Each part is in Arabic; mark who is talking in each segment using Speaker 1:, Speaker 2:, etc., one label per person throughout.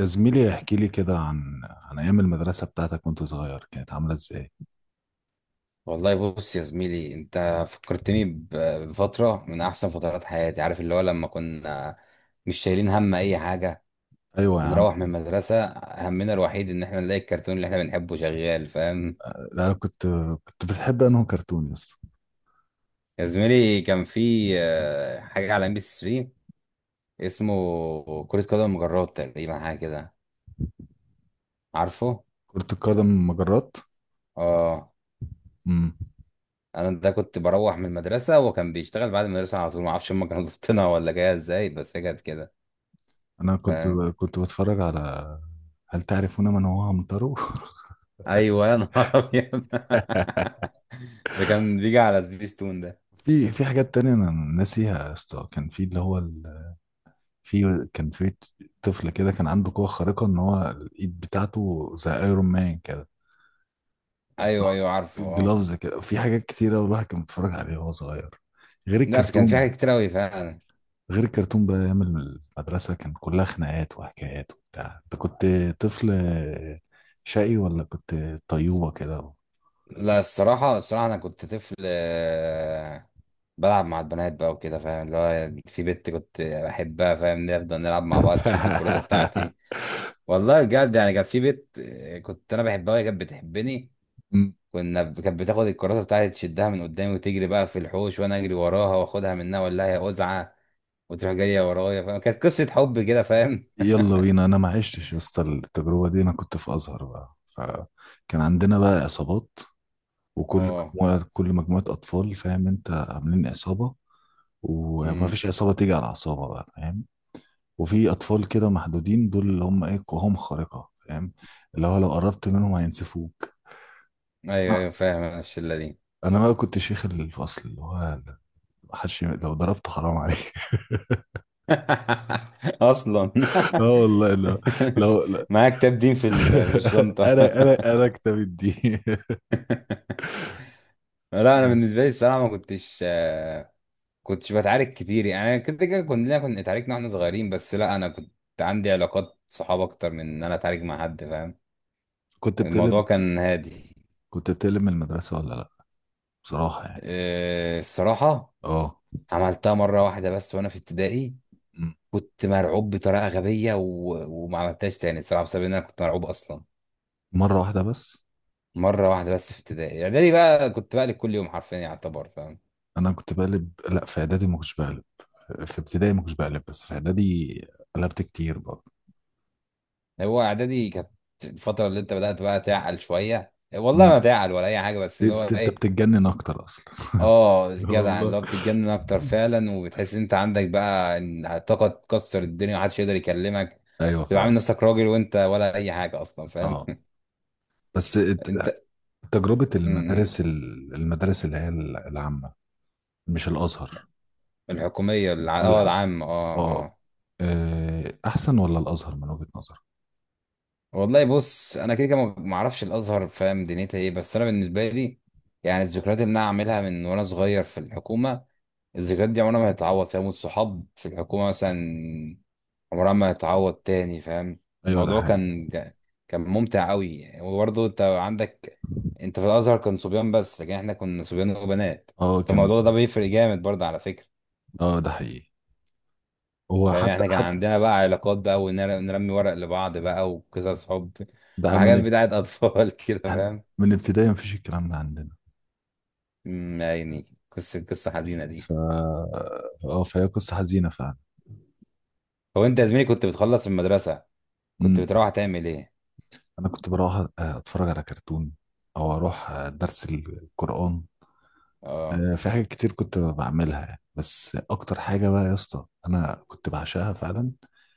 Speaker 1: يا زميلي، احكي لي كده عن ايام المدرسه بتاعتك وانت صغير، كانت عامله ازاي؟
Speaker 2: والله بص يا زميلي، انت فكرتني بفترة من احسن فترات حياتي. عارف اللي هو لما كنا مش شايلين هم اي حاجة،
Speaker 1: ايوه يا عم.
Speaker 2: بنروح من المدرسة همنا الوحيد ان احنا نلاقي الكرتون اللي احنا بنحبه شغال؟ فاهم
Speaker 1: لا، كنت بتحب انه كرتون يا اسطى؟
Speaker 2: يا زميلي، كان في حاجة على ام بي 3 اسمه كرة قدم مجرات، تقريبا حاجة كده. عارفه؟
Speaker 1: كرة القدم مجرات.
Speaker 2: اه،
Speaker 1: امم.
Speaker 2: انا ده كنت بروح من المدرسة وكان بيشتغل بعد المدرسة على طول. ما اعرفش هم كانوا ظابطينها ولا جاية ازاي، بس هي كانت كده.
Speaker 1: انا كنت بتفرج على هل تعرفون من هو عمترو.
Speaker 2: ايوه يا نهار ابيض، ده كان بيجي على سبيستون ده.
Speaker 1: في حاجات تانية انا ناسيها يا اسطى، كان في اللي هو ال... في كان في طفل كده كان عنده قوه خارقه ان هو الايد بتاعته زي ايرون مان كده،
Speaker 2: ايوه ايوه عارفه اه.
Speaker 1: جلوفز كده. في حاجات كتيرة والواحد كان بيتفرج عليها وهو صغير، غير
Speaker 2: لا كان في
Speaker 1: الكرتون.
Speaker 2: حاجات كتير قوي فعلا.
Speaker 1: غير الكرتون بقى، ايام المدرسه كان كلها خناقات وحكايات وبتاع. انت كنت طفل شقي ولا كنت طيوبه كده؟
Speaker 2: لا الصراحه الصراحه انا كنت طفل، بلعب مع البنات بقى وكده. فاهم اللي هو في بنت كنت بحبها؟ فاهم، نفضل نلعب مع بعض، تشد الكراسه بتاعتي. والله بجد يعني كان في بنت كنت انا بحبها وهي كانت بتحبني.
Speaker 1: م.
Speaker 2: كانت بتاخد الكراسه بتاعتي تشدها من قدامي وتجري بقى في الحوش، وانا اجري وراها واخدها منها، ولا هي قزعه وتروح جايه ورايا. فاهم، كانت قصه حب كده؟ فاهم.
Speaker 1: يلا بينا، انا ما عشتش يا اسطى التجربه دي. انا كنت في ازهر بقى، فكان عندنا بقى عصابات، وكل
Speaker 2: اه.
Speaker 1: مجموعه كل مجموعه اطفال فاهم انت، عاملين عصابه. وما
Speaker 2: امم.
Speaker 1: فيش عصابه تيجي على عصابه بقى فاهم. وفي اطفال كده محدودين، دول اللي هم ايه، قواهم خارقه فاهم، اللي هو لو قربت منهم هينسفوك.
Speaker 2: ايوه ايوه فاهم، أنا الشله دي.
Speaker 1: انا بقى كنت شيخ الفصل، اللي هو لو ضربته حرام عليك.
Speaker 2: اصلا
Speaker 1: اه والله، لو لا.
Speaker 2: معايا كتاب دين في في الشنطه.
Speaker 1: انا انا انا كتاب الدين.
Speaker 2: لا انا بالنسبه لي الصراحه ما كنتش، كنتش بتعارك كتير يعني. انا كنت كده، كنا اتعاركنا واحنا صغيرين، بس لا انا كنت عندي علاقات صحاب اكتر من ان انا اتعارك مع حد. فاهم،
Speaker 1: كنت بتقلب
Speaker 2: الموضوع كان هادي.
Speaker 1: كنت بتقلب من المدرسة ولا لا، بصراحة يعني؟
Speaker 2: الصراحه
Speaker 1: اه.
Speaker 2: عملتها مره واحده بس وانا في ابتدائي.
Speaker 1: م.
Speaker 2: كنت مرعوب بطريقه غبيه وما عملتهاش تاني الصراحه، بسبب ان انا كنت مرعوب اصلا.
Speaker 1: مرة واحدة بس.
Speaker 2: مره واحده بس في ابتدائي. اعدادي بقى كنت بقلب كل يوم حرفيا يعتبر. فاهم،
Speaker 1: انا كنت بقلب، لا في اعدادي ما كنتش بقلب، في ابتدائي ما كنتش بقلب، بس في اعدادي قلبت كتير برضه.
Speaker 2: هو اعدادي كانت الفتره اللي انت بدات بقى تعقل شويه. والله ما
Speaker 1: م.
Speaker 2: تعقل ولا اي حاجه، بس اللي هو
Speaker 1: انت
Speaker 2: ايه،
Speaker 1: بتتجنن اكتر اصلا.
Speaker 2: اه جدع،
Speaker 1: والله
Speaker 2: اللي هو بتتجنن اكتر فعلا. وبتحس ان انت عندك بقى إن طاقه تكسر الدنيا، محدش يقدر يكلمك.
Speaker 1: ايوه
Speaker 2: بتبقى عامل
Speaker 1: فعلا.
Speaker 2: نفسك راجل وانت ولا اي حاجه اصلا،
Speaker 1: اه،
Speaker 2: فاهم؟
Speaker 1: بس
Speaker 2: انت
Speaker 1: تجربة
Speaker 2: م- م.
Speaker 1: المدارس المدارس اللي هي العامة، مش الأزهر.
Speaker 2: الحكوميه اه،
Speaker 1: الح...
Speaker 2: العامه، اه
Speaker 1: اه
Speaker 2: اه.
Speaker 1: آه، أحسن ولا الأزهر من وجهة نظرك؟
Speaker 2: والله بص، انا كده كده ما اعرفش الازهر فاهم دنيتها ايه، بس انا بالنسبه لي يعني الذكريات اللي انا عاملها من وانا صغير في الحكومه، الذكريات دي عمرها ما هتتعوض. فاهم، والصحاب في الحكومه مثلا عمرها ما هتتعوض تاني. فاهم،
Speaker 1: أيوه، ده
Speaker 2: الموضوع
Speaker 1: حقيقي.
Speaker 2: كان كان ممتع قوي. وبرضه انت عندك، انت في الازهر كان صبيان بس، لكن احنا كنا صبيان وبنات،
Speaker 1: اه كان.
Speaker 2: فالموضوع ده بيفرق جامد برضه على فكره.
Speaker 1: اه، ده حقيقي. هو
Speaker 2: فاهم،
Speaker 1: حتى
Speaker 2: احنا كان
Speaker 1: حتى
Speaker 2: عندنا بقى علاقات بقى، ونرمي ورق لبعض بقى، وقصص حب
Speaker 1: ده من
Speaker 2: وحاجات
Speaker 1: اب-
Speaker 2: بتاعت اطفال كده.
Speaker 1: هن-
Speaker 2: فاهم،
Speaker 1: من ابتدائي مفيش الكلام ده عندنا.
Speaker 2: أمم، يا عيني، قصه قصه حزينه دي.
Speaker 1: ف اه فهي قصة حزينة فعلا.
Speaker 2: هو انت يا زميلي كنت بتخلص المدرسه كنت
Speaker 1: امم.
Speaker 2: بتروح تعمل ايه؟
Speaker 1: أنا كنت بروح، أتفرج على كرتون، أو أروح درس القرآن.
Speaker 2: اه.
Speaker 1: في حاجات كتير كنت بعملها يعني، بس اكتر حاجه بقى يا اسطى انا كنت بعشقها فعلا.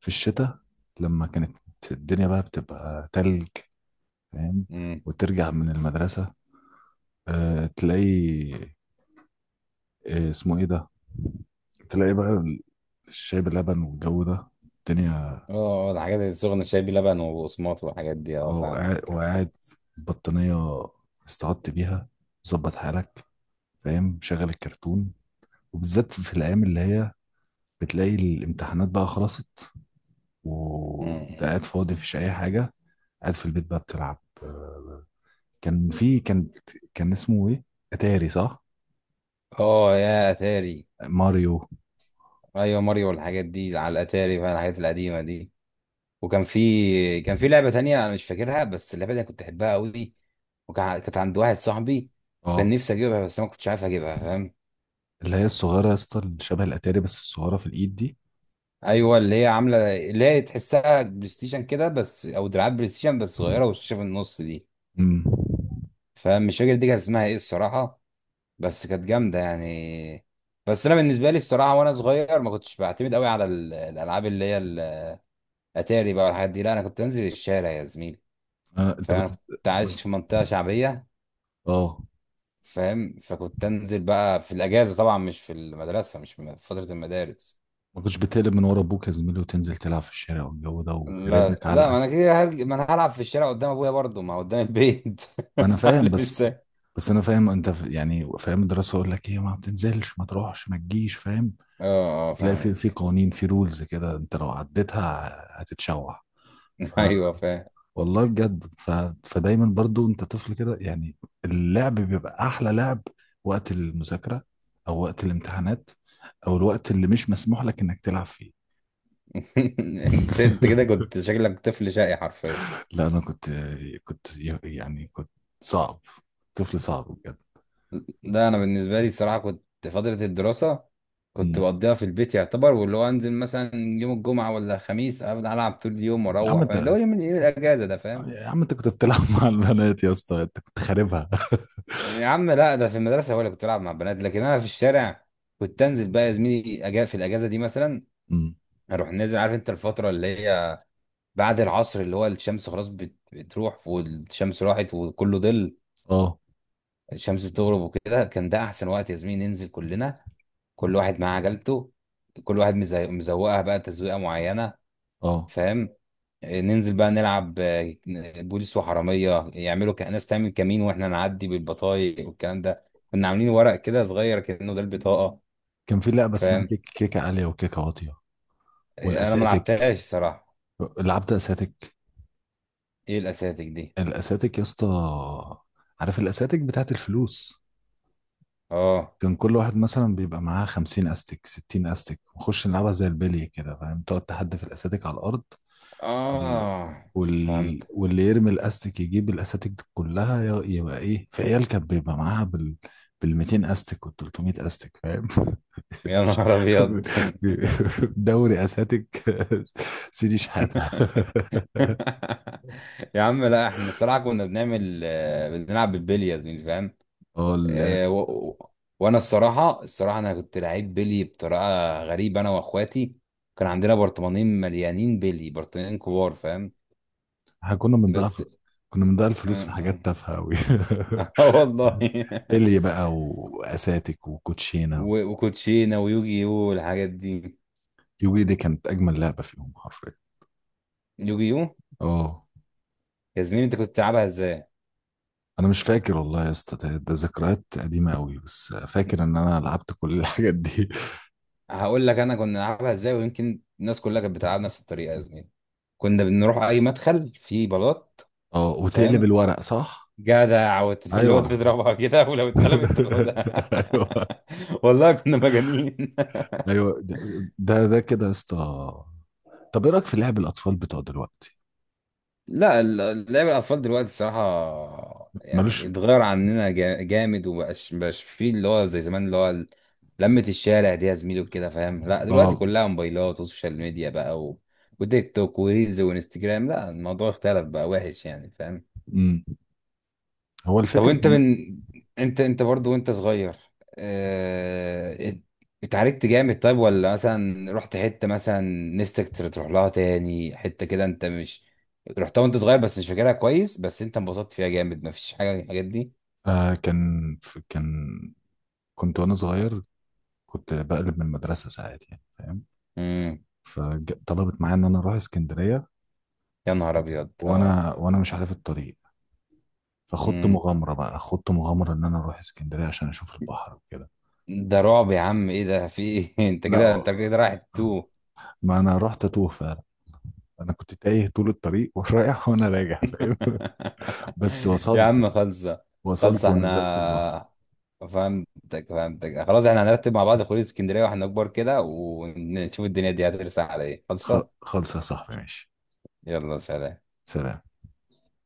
Speaker 1: في الشتاء، لما كانت الدنيا بقى بتبقى تلج فاهم،
Speaker 2: امم.
Speaker 1: وترجع من المدرسه، تلاقي، اسمه ايه ده، تلاقي بقى الشاي بلبن والجو ده الدنيا.
Speaker 2: اه، الحاجات اللي السخنه شاي بلبن وبقسماط والحاجات دي، اه
Speaker 1: اه،
Speaker 2: فاهم.
Speaker 1: وقاعد وقاعد، البطانية استعدت بيها، ظبط حالك فاهم، شغل الكرتون. وبالذات في الأيام اللي هي بتلاقي الامتحانات بقى خلصت،
Speaker 2: أمم.
Speaker 1: وانت
Speaker 2: امم.
Speaker 1: قاعد فاضي مفيش اي حاجه. قاعد في البيت بقى بتلعب. آه، كان في كان كان اسمه ايه، اتاري صح،
Speaker 2: اه يا اتاري.
Speaker 1: ماريو.
Speaker 2: ايوه ماريو والحاجات دي على الاتاري بقى، الحاجات القديمه دي. وكان في كان في لعبه تانية انا مش فاكرها، بس اللعبه دي أنا كنت احبها قوي. وكان كانت عند واحد صاحبي، وكان
Speaker 1: اه،
Speaker 2: نفسي اجيبها بس أنا ما كنتش عارف اجيبها، فاهم.
Speaker 1: اللي هي الصغيره يا اسطى، اللي شبه الاتاري بس الصغيره في الايد دي.
Speaker 2: ايوه اللي هي عامله اللي هي تحسها بلاي ستيشن كده، بس او دراعات بلاي ستيشن بس صغيره، والشاشه في النص دي.
Speaker 1: امم.
Speaker 2: فمش فاكر دي كانت اسمها ايه الصراحه، بس كانت جامده يعني. بس انا بالنسبه لي الصراحه وانا صغير ما كنتش بعتمد قوي على الالعاب اللي هي الاتاري بقى والحاجات دي. لا انا كنت انزل الشارع يا زميلي.
Speaker 1: آه انت
Speaker 2: فانا
Speaker 1: كنت
Speaker 2: كنت عايش في منطقه شعبيه،
Speaker 1: اه
Speaker 2: فاهم. فكنت انزل بقى في الاجازه طبعا، مش في المدرسه مش في فتره المدارس.
Speaker 1: ما كنتش بتقلب من ورا ابوك يا زميلي، وتنزل تلعب في الشارع والجو ده،
Speaker 2: لا
Speaker 1: ويرنك
Speaker 2: لا، ما
Speaker 1: علقه.
Speaker 2: انا كده ما انا هلعب في الشارع قدام ابويا برضه، ما هو قدام البيت،
Speaker 1: ما انا فاهم،
Speaker 2: فاعمل
Speaker 1: بس
Speaker 2: ازاي.
Speaker 1: بس انا فاهم، انت يعني فاهم الدراسه، اقول لك ايه، ما بتنزلش ما تروحش ما تجيش فاهم.
Speaker 2: اه اه
Speaker 1: تلاقي في
Speaker 2: فاهمك.
Speaker 1: قوانين، في رولز كده، انت لو عديتها هتتشوح. ف
Speaker 2: ايوه فاهم.
Speaker 1: والله بجد. فدايما برضو انت طفل كده يعني، اللعب بيبقى احلى لعب وقت المذاكرة، او وقت الامتحانات، او الوقت اللي مش مسموح لك انك تلعب فيه.
Speaker 2: انت انت كده كنت شكلك طفل شقي حرفيا.
Speaker 1: لا انا كنت كنت صعب، طفل صعب بجد.
Speaker 2: لا انا بالنسبه لي الصراحه كنت فتره الدراسه كنت
Speaker 1: مم.
Speaker 2: بقضيها في البيت يعتبر، واللي هو انزل مثلا يوم الجمعه ولا الخميس، افضل العب طول اليوم
Speaker 1: يا عم
Speaker 2: واروح. فاهم، اللي
Speaker 1: انت
Speaker 2: هو يوم يوم الاجازه ده؟ فاهم،
Speaker 1: يا عم انت كنت بتلعب مع البنات يا اسطى، انت كنت خاربها.
Speaker 2: يا عم لا ده في المدرسه هو اللي كنت بلعب مع البنات، لكن انا في الشارع كنت انزل بقى يا زميلي أجا في الاجازه دي مثلا.
Speaker 1: مم.
Speaker 2: اروح نازل، عارف انت الفتره اللي هي بعد العصر، اللي هو الشمس خلاص بتروح، والشمس راحت وكله ظل.
Speaker 1: اه،
Speaker 2: الشمس بتغرب وكده، كان ده احسن وقت يا زميلي، ننزل كلنا، كل واحد معاه عجلته، كل واحد مزوقها بقى تزويقه معينه،
Speaker 1: اه.
Speaker 2: فاهم. ننزل بقى نلعب، بوليس وحراميه، يعملوا ناس تعمل كمين واحنا نعدي بالبطايق والكلام ده. كنا عاملين ورق كده صغير كأنه ده البطاقه.
Speaker 1: كان في لعبه اسمها
Speaker 2: فاهم،
Speaker 1: كيكه عاليه وكيكه واطيه.
Speaker 2: انا ما
Speaker 1: والاساتك،
Speaker 2: لعبتهاش صراحه.
Speaker 1: لعبت اساتك.
Speaker 2: ايه الاساتك دي؟
Speaker 1: الاساتك يا اسطى، عارف الاساتك بتاعت الفلوس؟
Speaker 2: اه
Speaker 1: كان كل واحد مثلا بيبقى معاه 50 استك، 60 استك، ونخش نلعبها زي البلي كده فاهم، تقعد تحدف الاساتك على الارض. وال...
Speaker 2: اه فهمت.
Speaker 1: واللي يرمي الاستك يجيب الاساتك دي كلها، يبقى ايه، في عيال كانت بيبقى معاها بال 200 استك وال 300 استك فاهم.
Speaker 2: يا نهار ابيض.
Speaker 1: دوري اساتك. سيدي شحاته.
Speaker 2: يا عم لا احنا الصراحه كنا بنعمل، بنلعب بالبلياز، فاهم.
Speaker 1: اه،
Speaker 2: آه، و... و- وانا الصراحه الصراحه انا كنت لعيب بيلي بطريقه غريبه، انا واخواتي كان عندنا برطمانين مليانين بيلي، برطمانين كبار، فاهم.
Speaker 1: احنا
Speaker 2: بس
Speaker 1: كنا بنضيع
Speaker 2: اه.
Speaker 1: الفلوس في حاجات تافهة أوي.
Speaker 2: والله.
Speaker 1: بيلي بقى وأساتك وكوتشينة.
Speaker 2: وكوتشينه ويوجي يو والحاجات دي.
Speaker 1: يوجي دي كانت أجمل لعبة فيهم حرفيا.
Speaker 2: يوجي يو،
Speaker 1: اه،
Speaker 2: يا زميلي انت كنت بتلعبها ازاي؟
Speaker 1: أنا مش فاكر والله يا اسطى، ده ذكريات قديمة أوي، بس فاكر إن أنا لعبت كل الحاجات دي.
Speaker 2: هقول لك انا كنا بنلعبها ازاي، ويمكن الناس كلها كانت بتلعب نفس الطريقه يا زميلي. كنا بنروح اي مدخل فيه بلاط،
Speaker 1: اه، وتقلب
Speaker 2: فاهم.
Speaker 1: الورق صح؟
Speaker 2: جدع، اللي هو
Speaker 1: أيوه.
Speaker 2: تضربها كده، ولو اتقلبت تاخدها.
Speaker 1: أيوه،
Speaker 2: والله كنا مجانين.
Speaker 1: أيوه. ده كده يا اسطى. طب، إيه رأيك في لعب الأطفال بتوع دلوقتي؟
Speaker 2: لا لعب الاطفال دلوقتي الصراحه
Speaker 1: ملوش.
Speaker 2: يعني اتغير عننا جامد، ومبقاش مبقاش فيه اللي هو زي زمان، اللي هو لمة الشارع دي يا زميلي وكده. فاهم، لا دلوقتي
Speaker 1: اه.
Speaker 2: كلها موبايلات وسوشيال ميديا بقى وتيك توك وريلز وانستجرام. لا الموضوع اختلف بقى وحش يعني، فاهم.
Speaker 1: امم. هو
Speaker 2: طب
Speaker 1: الفكرة.
Speaker 2: وانت انت انت برضو وانت صغير، اه... ات- اتعاركت جامد طيب؟ ولا مثلا رحت حتة مثلا نفسك تروح لها تاني، حتة كده انت مش رحتها وانت صغير بس مش فاكرها كويس، بس انت انبسطت فيها جامد، مفيش حاجة من الحاجات دي؟
Speaker 1: آه، كان كان كنت وانا صغير، كنت بقلب من المدرسه ساعات يعني فاهم.
Speaker 2: امم.
Speaker 1: فطلبت معايا ان انا اروح اسكندريه.
Speaker 2: يا نهار ابيض اه.
Speaker 1: وانا مش عارف الطريق. فخدت
Speaker 2: امم.
Speaker 1: مغامره بقى، خدت مغامره ان انا اروح اسكندريه عشان اشوف البحر وكده.
Speaker 2: ده رعب يا عم، ايه ده، في ايه؟ انت كده
Speaker 1: لا،
Speaker 2: انت كده رايح تو.
Speaker 1: ما انا رحت اتوه فعلا. انا كنت تايه طول الطريق، ورايح وانا راجع فاهم. بس
Speaker 2: يا عم خلصة.
Speaker 1: وصلت
Speaker 2: خلصة
Speaker 1: ونزلت البحر.
Speaker 2: احنا، فهمتك فهمتك خلاص، احنا هنرتب مع بعض خروج اسكندرية واحنا كبار كده، ونشوف الدنيا دي هترسى على ايه. خلصة.
Speaker 1: خلص يا صاحبي، ماشي.
Speaker 2: يلا سلام.
Speaker 1: سلام.